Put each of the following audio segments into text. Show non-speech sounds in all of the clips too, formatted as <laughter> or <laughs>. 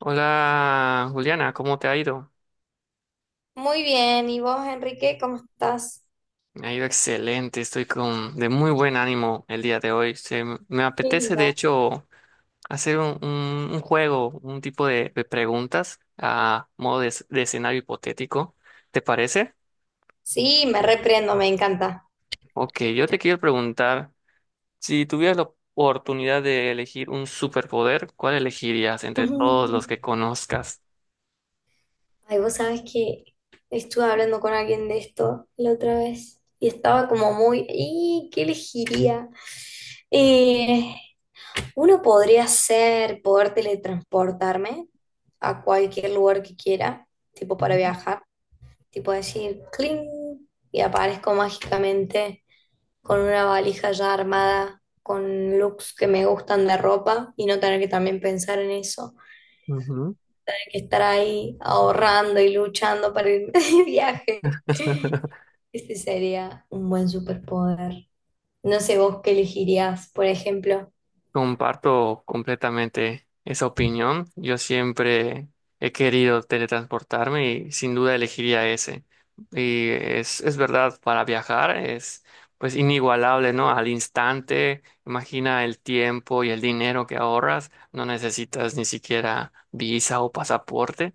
Hola Juliana, ¿cómo te ha ido? Muy bien, ¿y vos, Enrique, cómo estás? Me ha ido excelente, estoy con de muy buen ánimo el día de hoy. Me Qué apetece de lindo. hecho hacer un juego, un tipo de preguntas a modo de escenario hipotético. ¿Te parece? Sí, me reprendo, me encanta. Ok, yo te quiero preguntar, si tuvieras la oportunidad de elegir un superpoder, ¿cuál elegirías <laughs> entre todos Ujú. los que conozcas? Ay, vos sabés que estuve hablando con alguien de esto la otra vez y estaba como muy, ¿y qué elegiría? Eh, uno podría ser poder teletransportarme a cualquier lugar que quiera, tipo para Ujú, viajar. Tipo decir cling y aparezco mágicamente con una valija ya armada, con looks que me gustan de ropa y no tener que también pensar en eso, ujú. tener que estar ahí ahorrando y luchando para irme <laughs> de viaje. <laughs> Este sería un buen superpoder. No sé vos qué elegirías, por ejemplo. Comparto completamente esa opinión. Yo siempre he querido teletransportarme y sin duda elegiría ese. Y es verdad, para viajar es pues inigualable, ¿no? Al instante, imagina el tiempo y el dinero que ahorras, no necesitas ni siquiera visa o pasaporte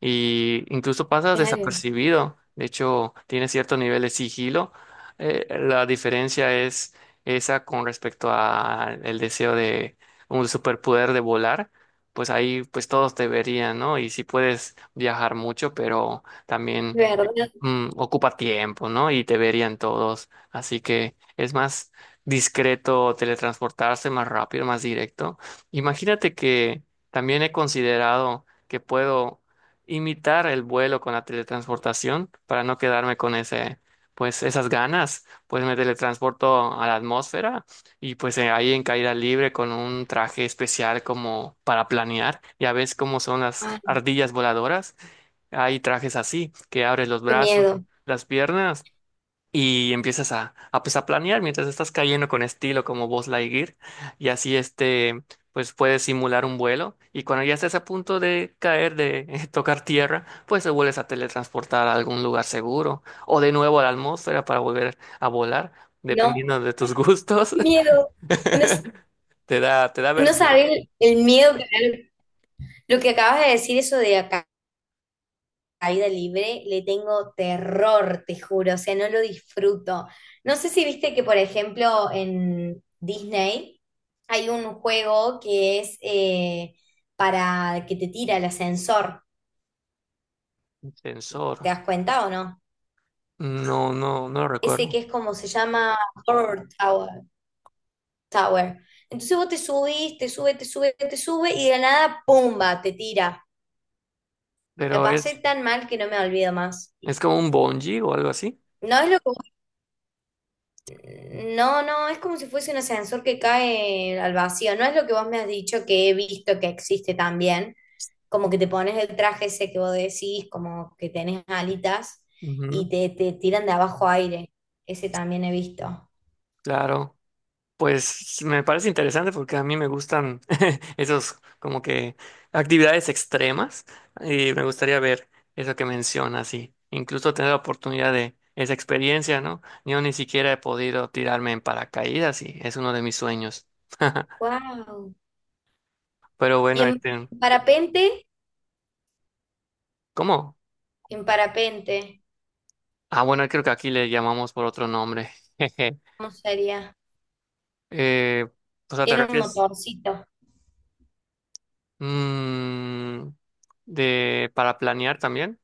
y incluso pasas Claro, desapercibido. De hecho, tiene cierto nivel de sigilo. La diferencia es esa con respecto al deseo de un superpoder de volar. Pues ahí pues todos te verían, ¿no? Y si puedes viajar mucho, pero también de verdad. Ocupa tiempo, ¿no? Y te verían todos. Así que es más discreto teletransportarse, más rápido, más directo. Imagínate que también he considerado que puedo imitar el vuelo con la teletransportación para no quedarme con ese, pues esas ganas. Pues me teletransporto a la atmósfera y pues ahí en caída libre con un traje especial como para planear. Ya ves cómo son las Ay, ardillas voladoras, hay trajes así, que abres los qué brazos, miedo. las piernas y empiezas a, pues, a planear mientras estás cayendo con estilo como Buzz Lightyear. Y así este, pues puedes simular un vuelo y cuando ya estés a punto de caer, de <laughs> tocar tierra, pues te vuelves a teletransportar a algún lugar seguro o de nuevo a la atmósfera para volver a volar, No, dependiendo de tus gustos. qué miedo. No, <laughs> Te da no vértigo. saber el miedo que me da. Lo que acabas de decir, eso de acá la vida libre le tengo terror, te juro, o sea, no lo disfruto. No sé si viste que, por ejemplo, en Disney hay un juego que es para que te tira el ascensor, Un ¿te Sensor. das cuenta o no? No, no, no lo Ese recuerdo. que es como se llama Horror Tower. Tower. Entonces vos te subís, te sube, te sube, te sube y de la nada, ¡pumba!, te tira. La Pero pasé es, tan mal que no me olvido más. es como un bungee o algo así. No es lo que No, no, es como si fuese un ascensor que cae al vacío. No es lo que vos me has dicho que he visto que existe también. Como que te pones el traje ese que vos decís, como que tenés alitas y Ujú, te tiran de abajo aire. Ese también he visto. claro, pues me parece interesante porque a mí me gustan <laughs> esos como que actividades extremas y me gustaría ver eso que mencionas y incluso tener la oportunidad de esa experiencia, ¿no? Yo ni siquiera he podido tirarme en paracaídas y es uno de mis sueños. <laughs> Wow. Pero Y bueno, en, este, en parapente, ¿cómo? en parapente, Ah, bueno, creo que aquí le llamamos por otro nombre. <laughs> Jeje. ¿cómo sería? Eh, o sea, ¿te Tiene un refieres motorcito. mm, de para planear también?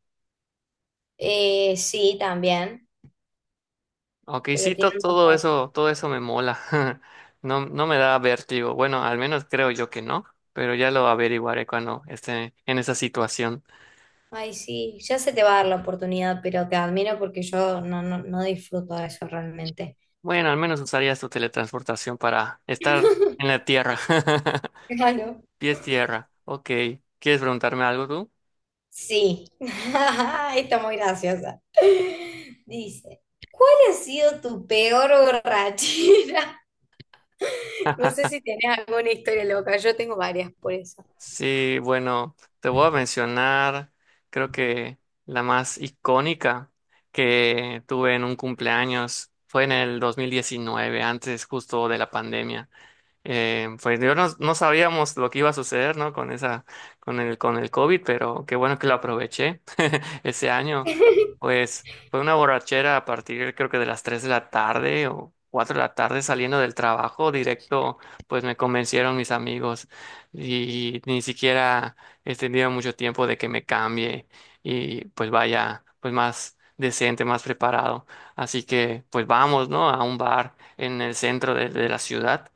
Sí, también, Ok, pero sí, tiene to- un todo motor. eso, todo eso me mola. <laughs> No, no me da vértigo. Bueno, al menos creo yo que no, pero ya lo averiguaré cuando esté en esa situación. Ay, sí, ya se te va a dar la oportunidad, pero te admiro porque yo no, no, no disfruto de eso realmente. Bueno, al menos usarías tu teletransportación para estar en <laughs> la tierra. <laughs> Claro. Pies tierra. Ok. ¿Quieres preguntarme algo tú? Sí, <laughs> está muy graciosa. Dice, ¿cuál ha sido tu peor borrachera? <laughs> No sé si tenés alguna historia loca, yo tengo varias por eso. Sí, bueno, te voy a mencionar, creo que la más icónica que tuve en un cumpleaños fue en el 2019, antes justo de la pandemia. Pues yo no, no sabíamos lo que iba a suceder, ¿no? Con el COVID, pero qué bueno que lo aproveché <laughs> ese año. <laughs> Pues fue una borrachera a partir, creo que de las 3 de la tarde o 4 de la tarde saliendo del trabajo directo, pues me convencieron mis amigos y ni siquiera he tenido mucho tiempo de que me cambie y pues vaya, pues más decente, más preparado. Así que pues vamos, ¿no? A un bar en el centro de la ciudad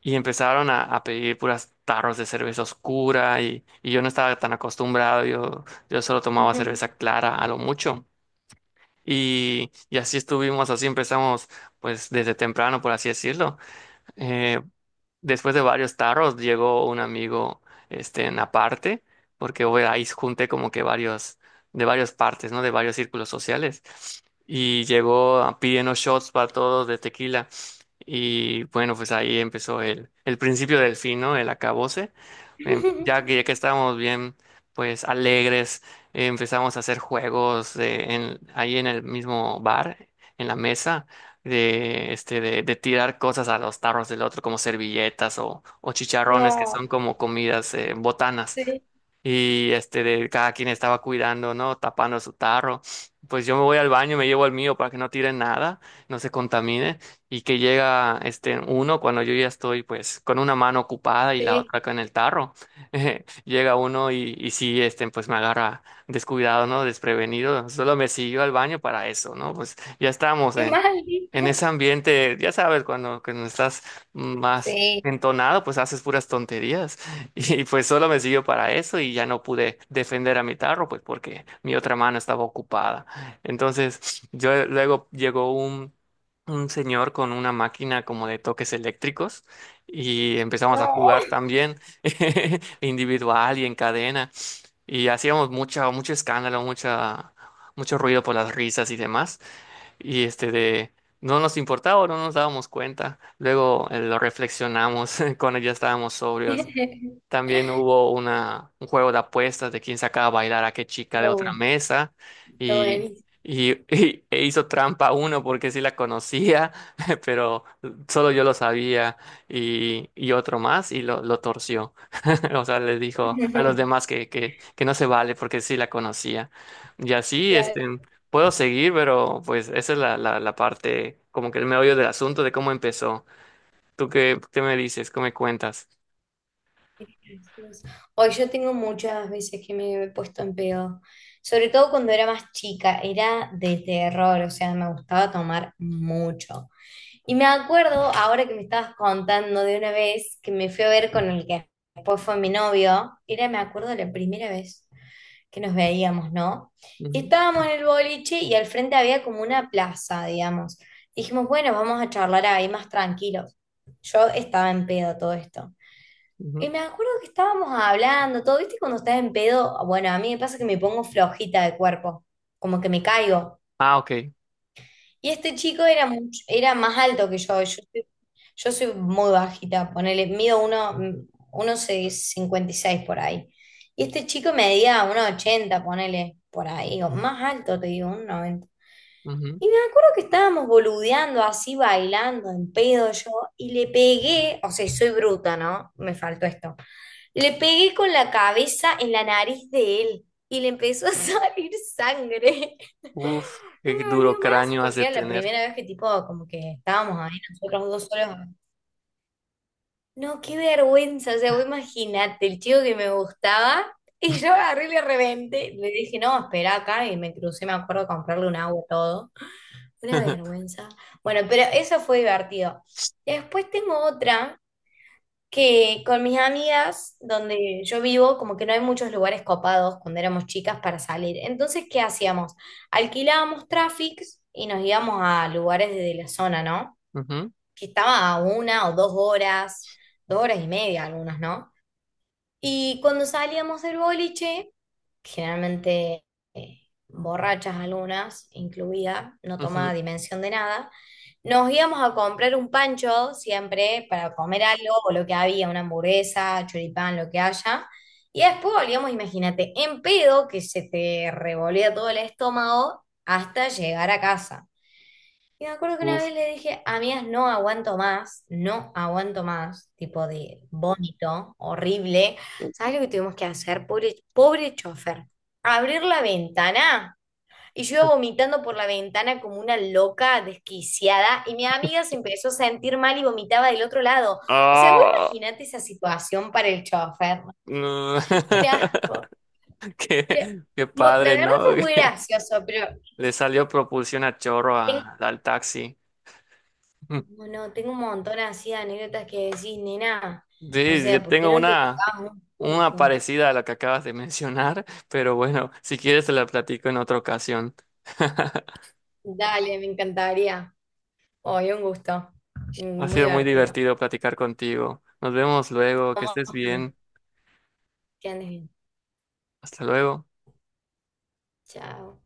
y empezaron a pedir puras tarros de cerveza oscura y yo no estaba tan acostumbrado, yo solo tomaba cerveza clara a lo mucho. Y así estuvimos, así empezamos pues desde temprano, por así decirlo. Eh, Después de varios tarros llegó un amigo este en aparte porque bueno, ahí junté como que varios de varias partes, ¿no? De varios círculos sociales y llegó pidiendo shots para todos de tequila y bueno, pues ahí empezó el principio del fin, ¿no? El acabose. Ya que estábamos bien pues alegres, empezamos a hacer juegos ahí en el mismo bar, en la mesa de tirar cosas a los tarros del otro, como servilletas o chicharrones, que son No, como comidas, botanas sí, y este de cada quien estaba cuidando, ¿no? Tapando su tarro. Pues yo me voy al baño, me llevo el mío para que no tire nada, no se contamine y que llega uno cuando yo ya estoy pues con una mano ocupada y la sí, otra con el tarro. <laughs> Llega uno y sí, pues me agarra descuidado, ¿no? Desprevenido. Solo me siguió al baño para eso, ¿no? Pues ya estamos qué en maldito. ese ambiente, ya sabes, cuando, estás más Sí, entonado, pues haces puras tonterías. Y pues solo me sirvió para eso y ya no pude defender a mi tarro, pues porque mi otra mano estaba ocupada. Entonces, yo luego llegó un señor con una máquina como de toques eléctricos y empezamos a no. jugar también <laughs> individual y en cadena y hacíamos mucho escándalo, mucho ruido por las risas y demás. Y este de... No nos importaba, no nos dábamos cuenta. Luego lo reflexionamos <laughs> cuando ya estábamos sobrios, <laughs> también hubo un juego de apuestas de quién sacaba a bailar a qué chica de otra Oh, mesa está y, buenísimo. y, <laughs> e hizo trampa uno porque sí la conocía, <laughs> pero solo yo lo sabía y otro más y lo torció. <laughs> O sea, le dijo a los <laughs> demás que no se vale porque sí la conocía. Y así, Claro. puedo seguir, pero pues esa es la parte, como que el meollo del asunto de cómo empezó. ¿Tú qué me dices? ¿Cómo me cuentas? Hoy yo tengo muchas veces que me he puesto en pedo, sobre todo cuando era más chica, era de terror, o sea, me gustaba tomar mucho. Y me acuerdo, ahora que me estabas contando de una vez que me fui a ver con el que después fue mi novio, era, me acuerdo, la primera vez que nos veíamos, ¿no? Y Ujú, estábamos en el boliche y al frente había como una plaza, digamos. Dijimos, bueno, vamos a charlar ahí más tranquilos. Yo estaba en pedo todo esto. ujú. Y me acuerdo que estábamos hablando, todo, ¿viste? Cuando estás en pedo, bueno, a mí me pasa que me pongo flojita de cuerpo, como que me caigo. Ah, ok. Y este chico era, era más alto que yo. Yo soy muy bajita, ponele, mido uno 56 por ahí. Y este chico medía 1,80 ponele, por ahí, o más alto, te digo, 1,90. Ujú. Y me acuerdo que estábamos boludeando así, bailando en pedo yo, y le pegué, o sea, soy bruta, ¿no? Me faltó esto. Le pegué con la cabeza en la nariz de él y le empezó a salir sangre. <laughs> Uf, No qué me duro volvió más cráneo has porque de era la tener. primera vez que tipo como que estábamos ahí nosotros dos solos. No, qué vergüenza, o sea, vos imaginate, el chico que me gustaba y yo agarré y le reventé. Le dije, no, espera acá y me crucé, me acuerdo, a comprarle un agua y todo. Una <laughs> vergüenza. Bueno, pero eso fue divertido. Después tengo otra que con mis amigas, donde yo vivo, como que no hay muchos lugares copados cuando éramos chicas para salir. Entonces, ¿qué hacíamos? Alquilábamos Traffics y nos íbamos a lugares de la zona, ¿no? Ujú, Que estaba a 1 o 2 horas, 2 horas y media algunos, ¿no? Y cuando salíamos del boliche, generalmente eh, borrachas algunas, incluida, no tomaba ujú, dimensión de nada. Nos íbamos a comprar un pancho siempre para comer algo o lo que había, una hamburguesa, choripán, lo que haya. Y después volvíamos, imagínate, en pedo que se te revolvía todo el estómago hasta llegar a casa. Y me acuerdo que una uf. vez le dije, amigas, no aguanto más, no aguanto más, tipo de vómito horrible. ¿Sabes lo que tuvimos que hacer? Pobre, pobre chofer. Abrir la ventana. Y yo iba vomitando por la ventana como una loca desquiciada. Y mi amiga se empezó a sentir mal y vomitaba del otro lado. O sea, vos Ah, imaginate esa situación para el chofer. no. Un <laughs> asco. Pero, Qué la padre, verdad ¿no? fue muy gracioso, pero <laughs> Le salió propulsión a chorro al taxi. <laughs> bueno, tengo un montón así de anécdotas que decís, nena. O Sí, sea, yo ¿por qué tengo no te una, ubicás un una poco? parecida a la que acabas de mencionar, <laughs> pero bueno, si quieres te la platico en otra ocasión. <laughs> Dale, me encantaría. Hoy un gusto. Ha Muy sido muy divertido. divertido platicar contigo. Nos vemos luego, que Vamos estés también. bien. Que andes bien. Hasta luego. Chao.